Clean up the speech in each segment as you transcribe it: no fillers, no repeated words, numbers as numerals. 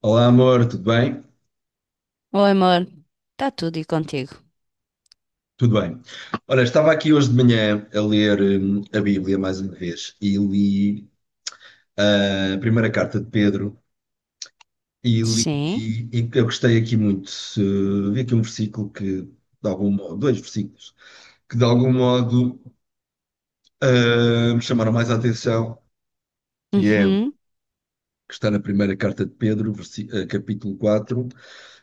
Olá, amor, tudo bem? Oi, amor. Está tudo e contigo? Tudo bem. Ora, estava aqui hoje de manhã a ler a Bíblia mais uma vez e li a primeira carta de Pedro e li Sim. e eu gostei aqui muito. Vi aqui um versículo que, de algum modo, dois versículos, que de algum modo me chamaram mais a atenção, que é o Uhum. que está na primeira carta de Pedro, capítulo 4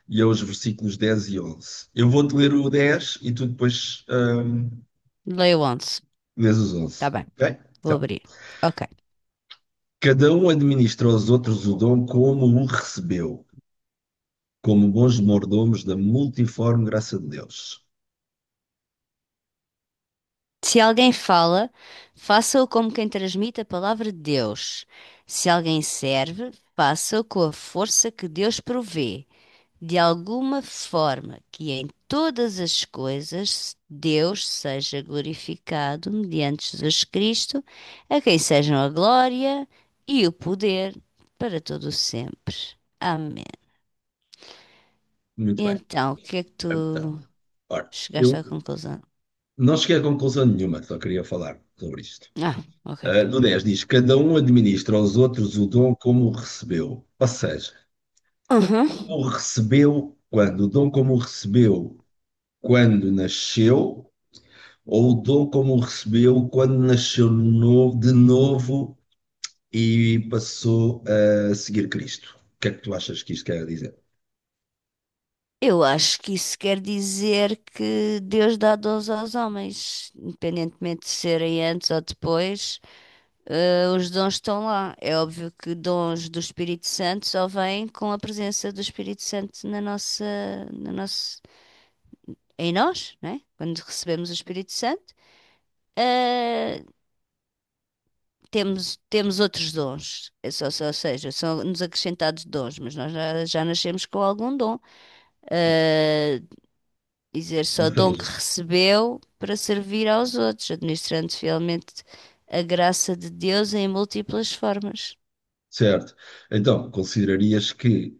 e é os versículos 10 e 11. Eu vou-te ler o 10 e tu depois Leio 11. lês os Tá 11, bem. ok? Vou Então. abrir. Ok. Cada um administra aos outros o dom como o recebeu, como bons mordomos da multiforme graça de Deus. Se alguém fala, faça-o como quem transmite a palavra de Deus. Se alguém serve, faça-o com a força que Deus provê, de alguma forma que em todas as coisas Deus seja glorificado mediante Jesus Cristo, a quem sejam a glória e o poder para todo o sempre. Amém. Muito E bem. então, o que é que tu Então, ora, chegaste eu à conclusão? não cheguei a conclusão nenhuma, só queria falar sobre isto. Ah, ok, ok. No 10 diz: Cada um administra aos outros o dom como o recebeu. Ou seja, Uhum. como o recebeu quando? O dom como o recebeu quando nasceu, ou o dom como o recebeu quando nasceu novo, de novo e passou a seguir Cristo. O que é que tu achas que isto quer dizer? Eu acho que isso quer dizer que Deus dá dons aos homens, independentemente de serem antes ou depois, os dons estão lá. É óbvio que dons do Espírito Santo só vêm com a presença do Espírito Santo na nossa, em nós, né? Quando recebemos o Espírito Santo. Eh, temos outros dons. Ou seja, são-nos acrescentados dons, mas nós já nascemos com algum dom. Ah, dizer Ou só dom seja, que recebeu para servir aos outros, administrando fielmente a graça de Deus em múltiplas formas. certo. Então, considerarias que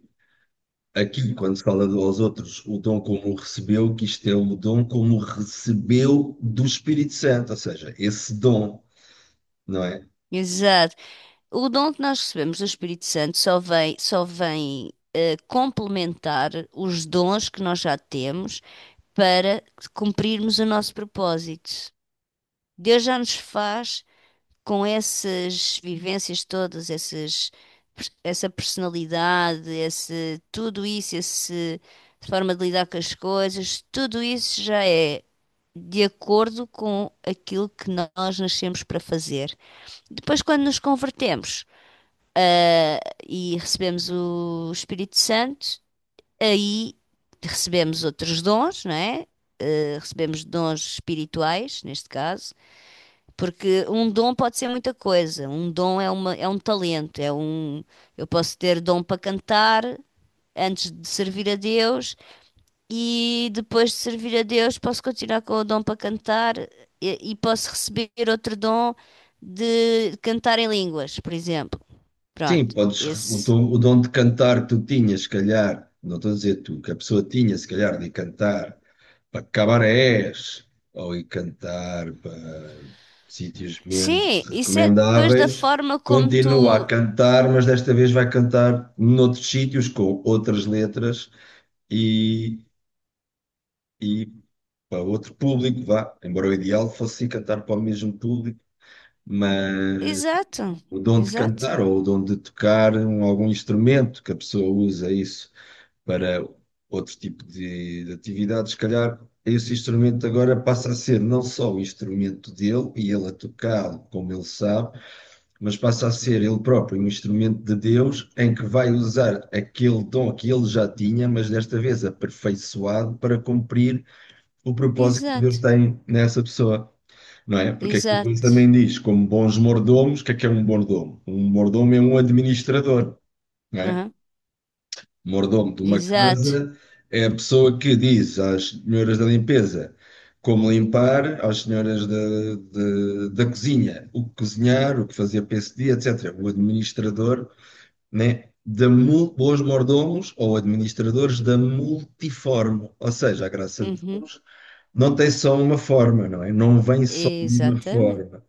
aqui, quando se fala aos outros, o dom como o recebeu, que isto é o dom como o recebeu do Espírito Santo, ou seja, esse dom, não é? Exato. O dom que nós recebemos do Espírito Santo só vem complementar os dons que nós já temos para cumprirmos o nosso propósito. Deus já nos faz com essas vivências todas, essas, essa personalidade, esse, tudo isso, esse forma de lidar com as coisas, tudo isso já é de acordo com aquilo que nós nascemos para fazer. Depois, quando nos convertemos, ah, e recebemos o Espírito Santo, aí recebemos outros dons, não é? Recebemos dons espirituais, neste caso, porque um dom pode ser muita coisa. Um dom é uma, é um talento, é um, eu posso ter dom para cantar antes de servir a Deus e depois de servir a Deus posso continuar com o dom para cantar e posso receber outro dom de cantar em línguas, por exemplo. Sim, Pronto. podes, o, Esse. O dom de cantar que tu tinhas, se calhar, não estou a dizer tu, que a pessoa tinha, se calhar, de cantar para cabarés ou ir cantar para sítios menos Sim, isso é depois da recomendáveis, forma como continua a tu. cantar, mas desta vez vai cantar noutros sítios com outras letras e, e para outro público, vá. Embora o ideal fosse ir cantar para o mesmo público, Exato, o dom de cantar exato, ou o dom de tocar algum instrumento que a pessoa usa isso para outro tipo de atividade, se calhar esse instrumento agora passa a ser não só o instrumento dele e ele a tocá-lo como ele sabe, mas passa a ser ele próprio um instrumento de Deus em que vai usar aquele dom que ele já tinha, mas desta vez aperfeiçoado para cumprir o propósito que Deus exato, tem nessa pessoa, não é? Porque aquilo depois exato, também diz, como bons mordomos, o que é um mordomo? Um mordomo é um administrador, não é? Aham, Mordomo de uma exato. casa é a pessoa que diz às senhoras da limpeza como limpar, às senhoras da cozinha, o que cozinhar, o que fazer para esse dia, etc. O administrador, né? Bons mordomos ou administradores da multiforme, ou seja, a graça de Uhum. Deus não tem só uma forma, não é? Não vem só de uma Exatamente. forma.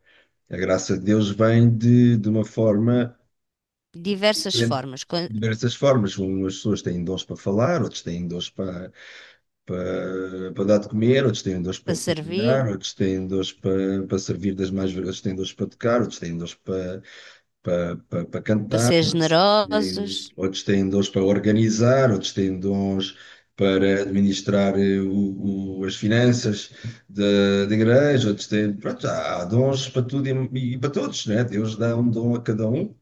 A graça de Deus vem de uma forma Diversas diferente, formas. De diversas formas. Umas pessoas têm dons para falar, outras têm dons para dar de comer, outras têm dons Para para servir, cozinhar, outras têm dons para servir das mais, outras têm dons para tocar, outras têm dons para para cantar. ser generosos. Outros têm dons para organizar, outros têm dons para administrar as finanças da igreja, outros têm. Pronto, há dons para tudo e para todos, né? Deus dá um dom a cada um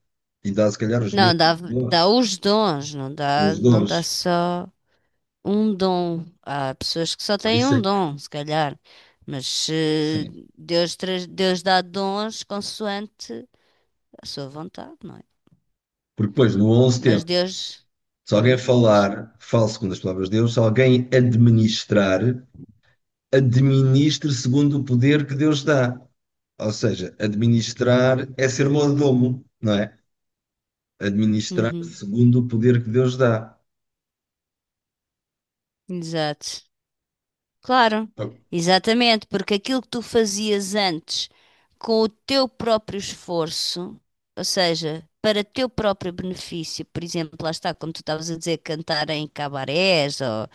e dá, se calhar, os Não, mesmos dá, dons. dá os dons, não dá, Os não dons. dá só um dom. Há pessoas que só Por têm isso um é que, dom, se calhar. Mas sim. Deus, Deus dá dons consoante a sua vontade, não é? Porque depois, no 11 Mas tempo, Deus. se alguém Uhum, diz. falar, fale segundo as palavras de Deus, se alguém administrar, administre segundo o poder que Deus dá. Ou seja, administrar é ser mordomo, não é? Administrar Uhum, segundo o poder que Deus dá. exato. Claro, exatamente, porque aquilo que tu fazias antes com o teu próprio esforço, ou seja, para teu próprio benefício, por exemplo, lá está, como tu estavas a dizer, cantar em cabarés ou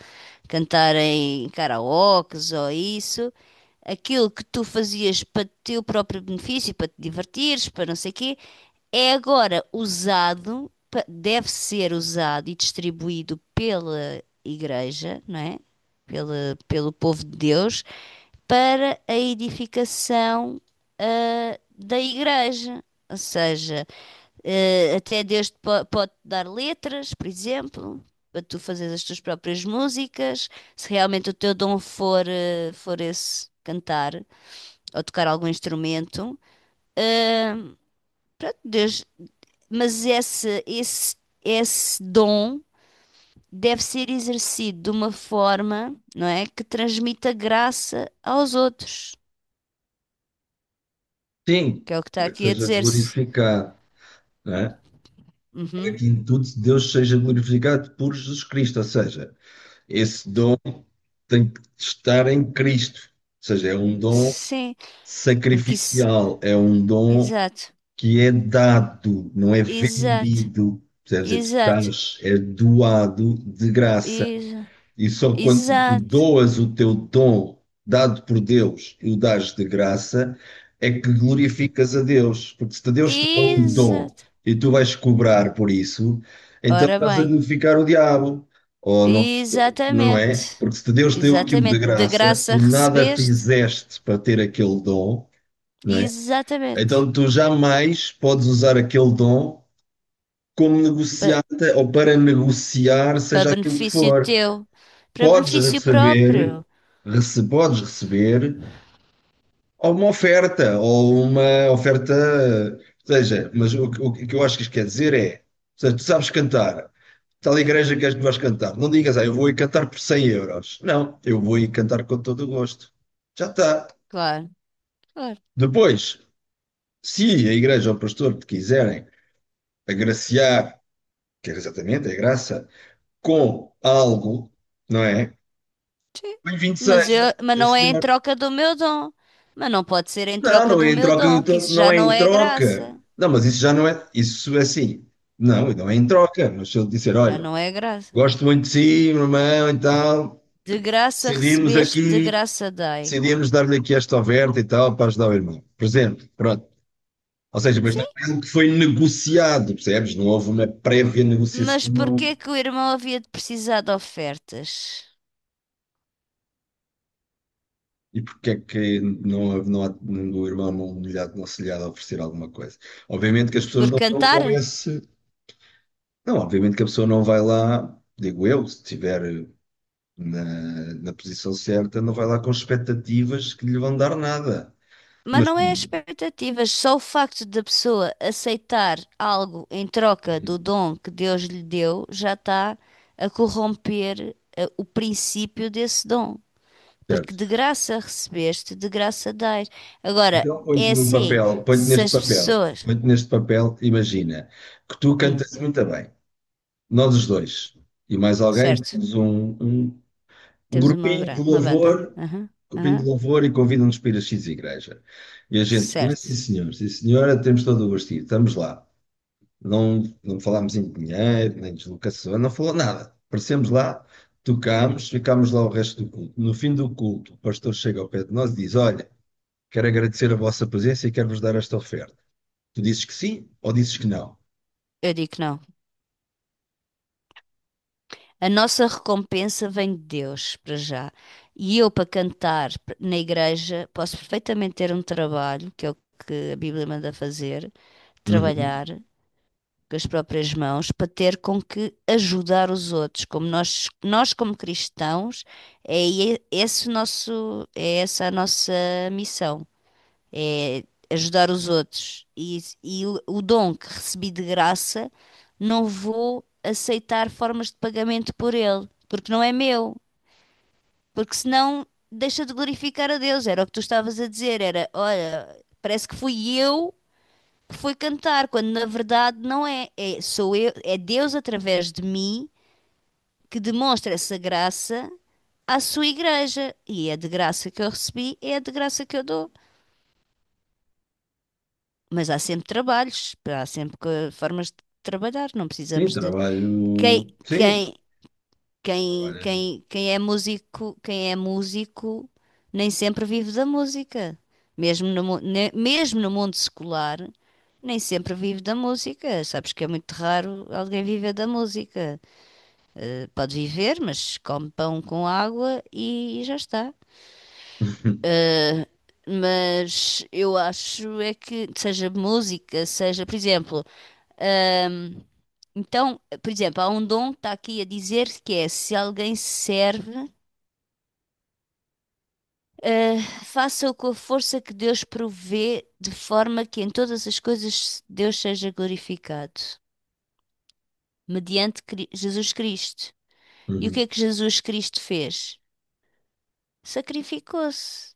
cantar em karaokes ou isso, aquilo que tu fazias para teu próprio benefício, para te divertires, para não sei quê, é agora usado, deve ser usado e distribuído pela Igreja, não é? Pela, pelo povo de Deus, para a edificação, ah, da Igreja. Ou seja, até Deus te pode dar letras, por exemplo, para tu fazeres as tuas próprias músicas. Se realmente o teu dom for, for esse cantar ou tocar algum instrumento, pronto, Deus, mas esse dom deve ser exercido de uma forma, não é, que transmita graça aos outros, Sim, que é o que está para que aqui a seja dizer-se. glorificado, não é? Para Uhum. que em tudo Deus seja glorificado por Jesus Cristo. Ou seja, esse dom tem que estar em Cristo. Ou seja, é um dom Sim, porque isso, sacrificial, é um dom exato, que é dado, não é exato, vendido. Quer dizer, tu exato, dás, é doado de graça. exa- E só quando tu exato, doas o teu dom dado por Deus e o dás de graça, é que glorificas a Deus. Porque se Deus te dá um dom exato. e tu vais cobrar por isso, então Ora estás a bem, glorificar o diabo. Ou não, não é? exatamente, Porque se Deus te deu aquilo de exatamente, da graça, graça tu nada recebeste, fizeste para ter aquele dom, não é? exatamente. Então tu jamais podes usar aquele dom como negociata ou para negociar, Para seja aquilo que benefício for. teu, para Podes benefício receber, próprio, podes receber uma oferta, ou seja, mas o, o que eu acho que isto quer dizer é, ou seja, tu sabes cantar, tal igreja que és que vais cantar, não digas, ah, eu vou ir cantar por 100 euros. Não, eu vou ir cantar com todo o gosto. Já está. claro, claro. Depois, se a igreja ou o pastor te quiserem agraciar, que é exatamente a graça, com algo, não é? Sim. Bem-vindo Mas seja, eu, mas sim, não é em senhor. troca do meu dom. Mas não pode ser em Não, troca não do é em meu troca do dom, que todo, isso não já é não em é troca. graça. Não, mas isso já não é, isso é assim. Não, não é em troca, mas se ele disser, Já olha, não é graça. gosto muito de si, meu irmão, e tal, De graça decidimos recebeste, de aqui, graça dai. decidimos dar-lhe aqui esta oferta e tal, para ajudar o irmão. Por exemplo, pronto. Ou seja, mas não Sim, é algo que foi negociado, percebes? Não houve uma prévia mas negociação. porquê que o irmão havia de precisar de ofertas? E porque é que não, não, o irmão não lhe há, não se lhe há de oferecer alguma coisa? Obviamente que as pessoas Por não vão cantar? com esse. Não, obviamente que a pessoa não vai lá, digo eu, se estiver na, na posição certa, não vai lá com expectativas que lhe vão dar nada. Mas Mas, não é as expectativas, só o facto da pessoa aceitar algo em troca do dom que Deus lhe deu já está a corromper o princípio desse dom. Porque Certo. de graça recebeste, de graça dás. Agora, Então, é põe-te num assim, papel, põe-te se neste as papel, pessoas. põe-te neste papel, imagina que tu Hum, cantas muito bem, nós os dois, e mais alguém, certo, temos um temos uma, grupinho de uma banda. louvor, Aham, um grupinho de aham, louvor e convidam-nos para ir a X igreja. E a gente, vai, sim certo. senhor, sim senhora, temos todo o gostinho, estamos lá. Não, não falámos em dinheiro, nem deslocação, não falou nada. Aparecemos lá, tocámos, ficámos lá o resto do culto. No fim do culto, o pastor chega ao pé de nós e diz: Olha, quero agradecer a vossa presença e quero-vos dar esta oferta. Tu dizes que sim ou dizes que não? Eu digo que não. A nossa recompensa vem de Deus, para já. E eu, para cantar na igreja, posso perfeitamente ter um trabalho, que é o que a Bíblia manda fazer, Uhum. trabalhar com as próprias mãos, para ter com que ajudar os outros. Como nós como cristãos, é esse o nosso, é essa a nossa missão é ajudar os outros. E, e o dom que recebi de graça, não vou aceitar formas de pagamento por ele, porque não é meu. Porque senão deixa de glorificar a Deus. Era o que tu estavas a dizer, era, olha, parece que fui eu que fui cantar, quando na verdade não é. É, sou eu, é Deus através de mim que demonstra essa graça à sua igreja. E é de graça que eu recebi, é de graça que eu dou. Mas há sempre trabalhos, há sempre formas de trabalhar, não Sim, precisamos de quem trabalho. Sim, quem quem trabalho. quem quem é músico, quem é músico nem sempre vive da música. Mesmo no, mesmo no mundo secular, nem sempre vive da música. Sabes que é muito raro alguém viver da música. Pode viver, mas come pão com água e já está. Mas eu acho é que seja música, seja, por exemplo, Ahm, então, por exemplo, há um dom que está aqui a dizer que é se alguém serve, eh, faça-o com a força que Deus provê, de forma que em todas as coisas Deus seja glorificado, mediante Jesus Cristo. E o que Uhum. é que Jesus Cristo fez? Sacrificou-se,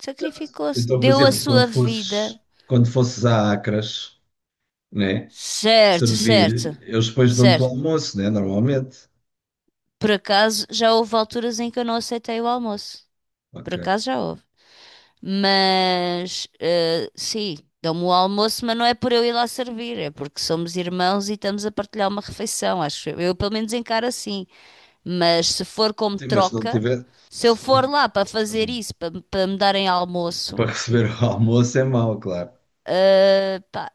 sacrificou-se, Então, por deu a exemplo, quando sua fosses, vida. quando fosses a Acras, né, Certo, servir, certo, eles depois dão-te o certo. almoço, né, normalmente. Por acaso já houve alturas em que eu não aceitei o almoço. Por Ok. acaso já houve. Mas, sim, dão-me o almoço, mas não é por eu ir lá servir, é porque somos irmãos e estamos a partilhar uma refeição, acho eu. Eu pelo menos encaro assim. Mas se for como Sim, mas se não troca, tiver, se eu se não- for lá para fazer isso, para me darem para almoço, receber o almoço é mau, claro. epá,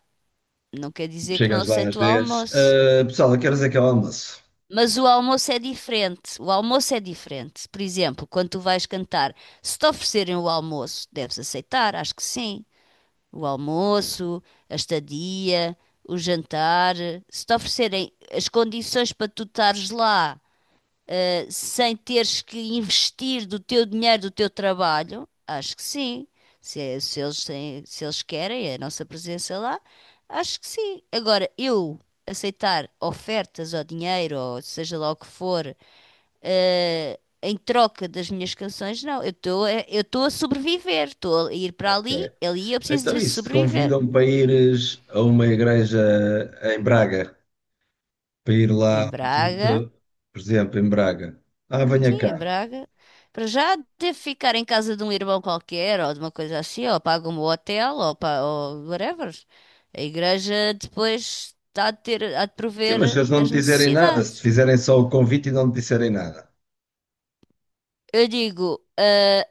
não quer dizer que não Chegas lá aceito às o 10. almoço. "Ah, pessoal, a que horas é que é o almoço?" Mas o almoço é diferente. O almoço é diferente. Por exemplo, quando tu vais cantar, se te oferecerem o almoço, deves aceitar, acho que sim. O almoço, a estadia, o jantar, se te oferecerem as condições para tu estares lá, sem teres que investir do teu dinheiro, do teu trabalho, acho que sim. Se, se eles se eles querem é a nossa presença lá, acho que sim. Agora, eu aceitar ofertas ou dinheiro, ou seja lá o que for, em troca das minhas canções, não. Eu estou a sobreviver, estou a ir para ali, Ok. ali eu preciso Então, de isso, te sobreviver. convidam para ires a uma igreja em Braga, para ir Em lá ao Braga. culto, por exemplo, em Braga. Ah, venha Sim, em cá. Braga. Para já devo ficar em casa de um irmão qualquer ou de uma coisa assim, ou pago um hotel ou, ou whatever. A igreja depois há de ter, há de Sim, mas se prover eles não te as dizerem nada, se te necessidades. fizerem só o convite e não te disserem nada. Eu digo, ah,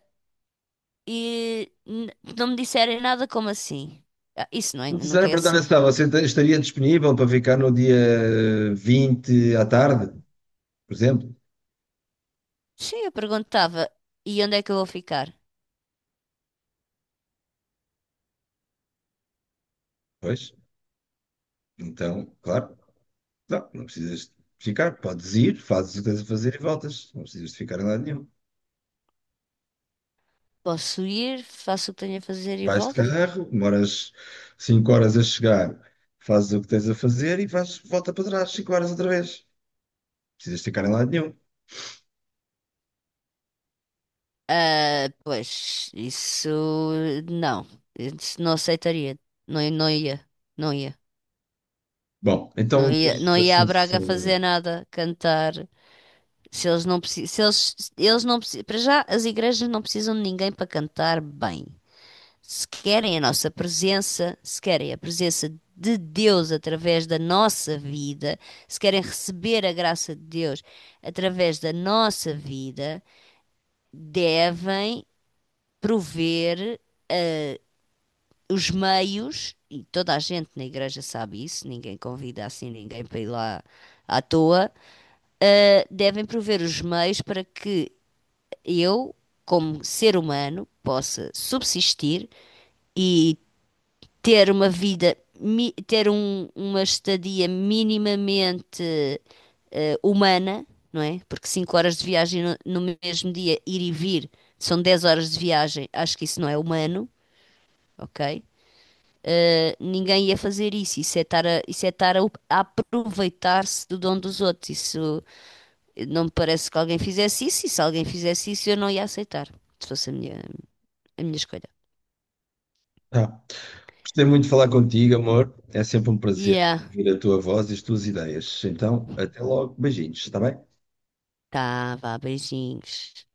e n- não me disserem nada como assim. Ah, isso não é, nunca Sara, é perguntar assim. se você estaria disponível para ficar no dia 20 à tarde, por exemplo? Sim, eu perguntava, e onde é que eu vou ficar? Pois, então, claro, não, não precisas de ficar, podes ir, fazes o que tens a fazer e voltas, não precisas de ficar em lado nenhum. Posso ir, faço o que tenho a fazer e Vais de volto? carro, demoras 5 horas a chegar, fazes o que tens a fazer e vais, volta para trás 5 horas outra vez. Não precisas de ficar em lado nenhum. Ah, pois, isso não. Isso não aceitaria. Não, não ia. Não ia. Bom, Não então, ia, pois, não ia à assim Braga fazer sobre. nada, cantar. Se eles não precisam, se eles, eles não precisam, para já as igrejas não precisam de ninguém para cantar bem. Se querem a nossa presença, se querem a presença de Deus através da nossa vida, se querem receber a graça de Deus através da nossa vida, devem prover os meios, e toda a gente na igreja sabe isso, ninguém convida assim ninguém para ir lá à toa, ah, devem prover os meios para que eu, como ser humano, possa subsistir e ter uma vida, ter uma estadia minimamente humana, não é? Porque 5 horas de viagem no, no mesmo dia, ir e vir, são 10 horas de viagem, acho que isso não é humano, ok? Ninguém ia fazer isso. Isso é estar a, isso é estar a, a aproveitar-se do dom dos outros. Isso não me parece que alguém fizesse isso. E se alguém fizesse isso, eu não ia aceitar. Se fosse a minha escolha. Ah, gostei muito de falar contigo, amor. É sempre um prazer Yeah. ouvir a tua voz e as tuas ideias. Então, até logo. Beijinhos, está bem? Tá, vá, beijinhos.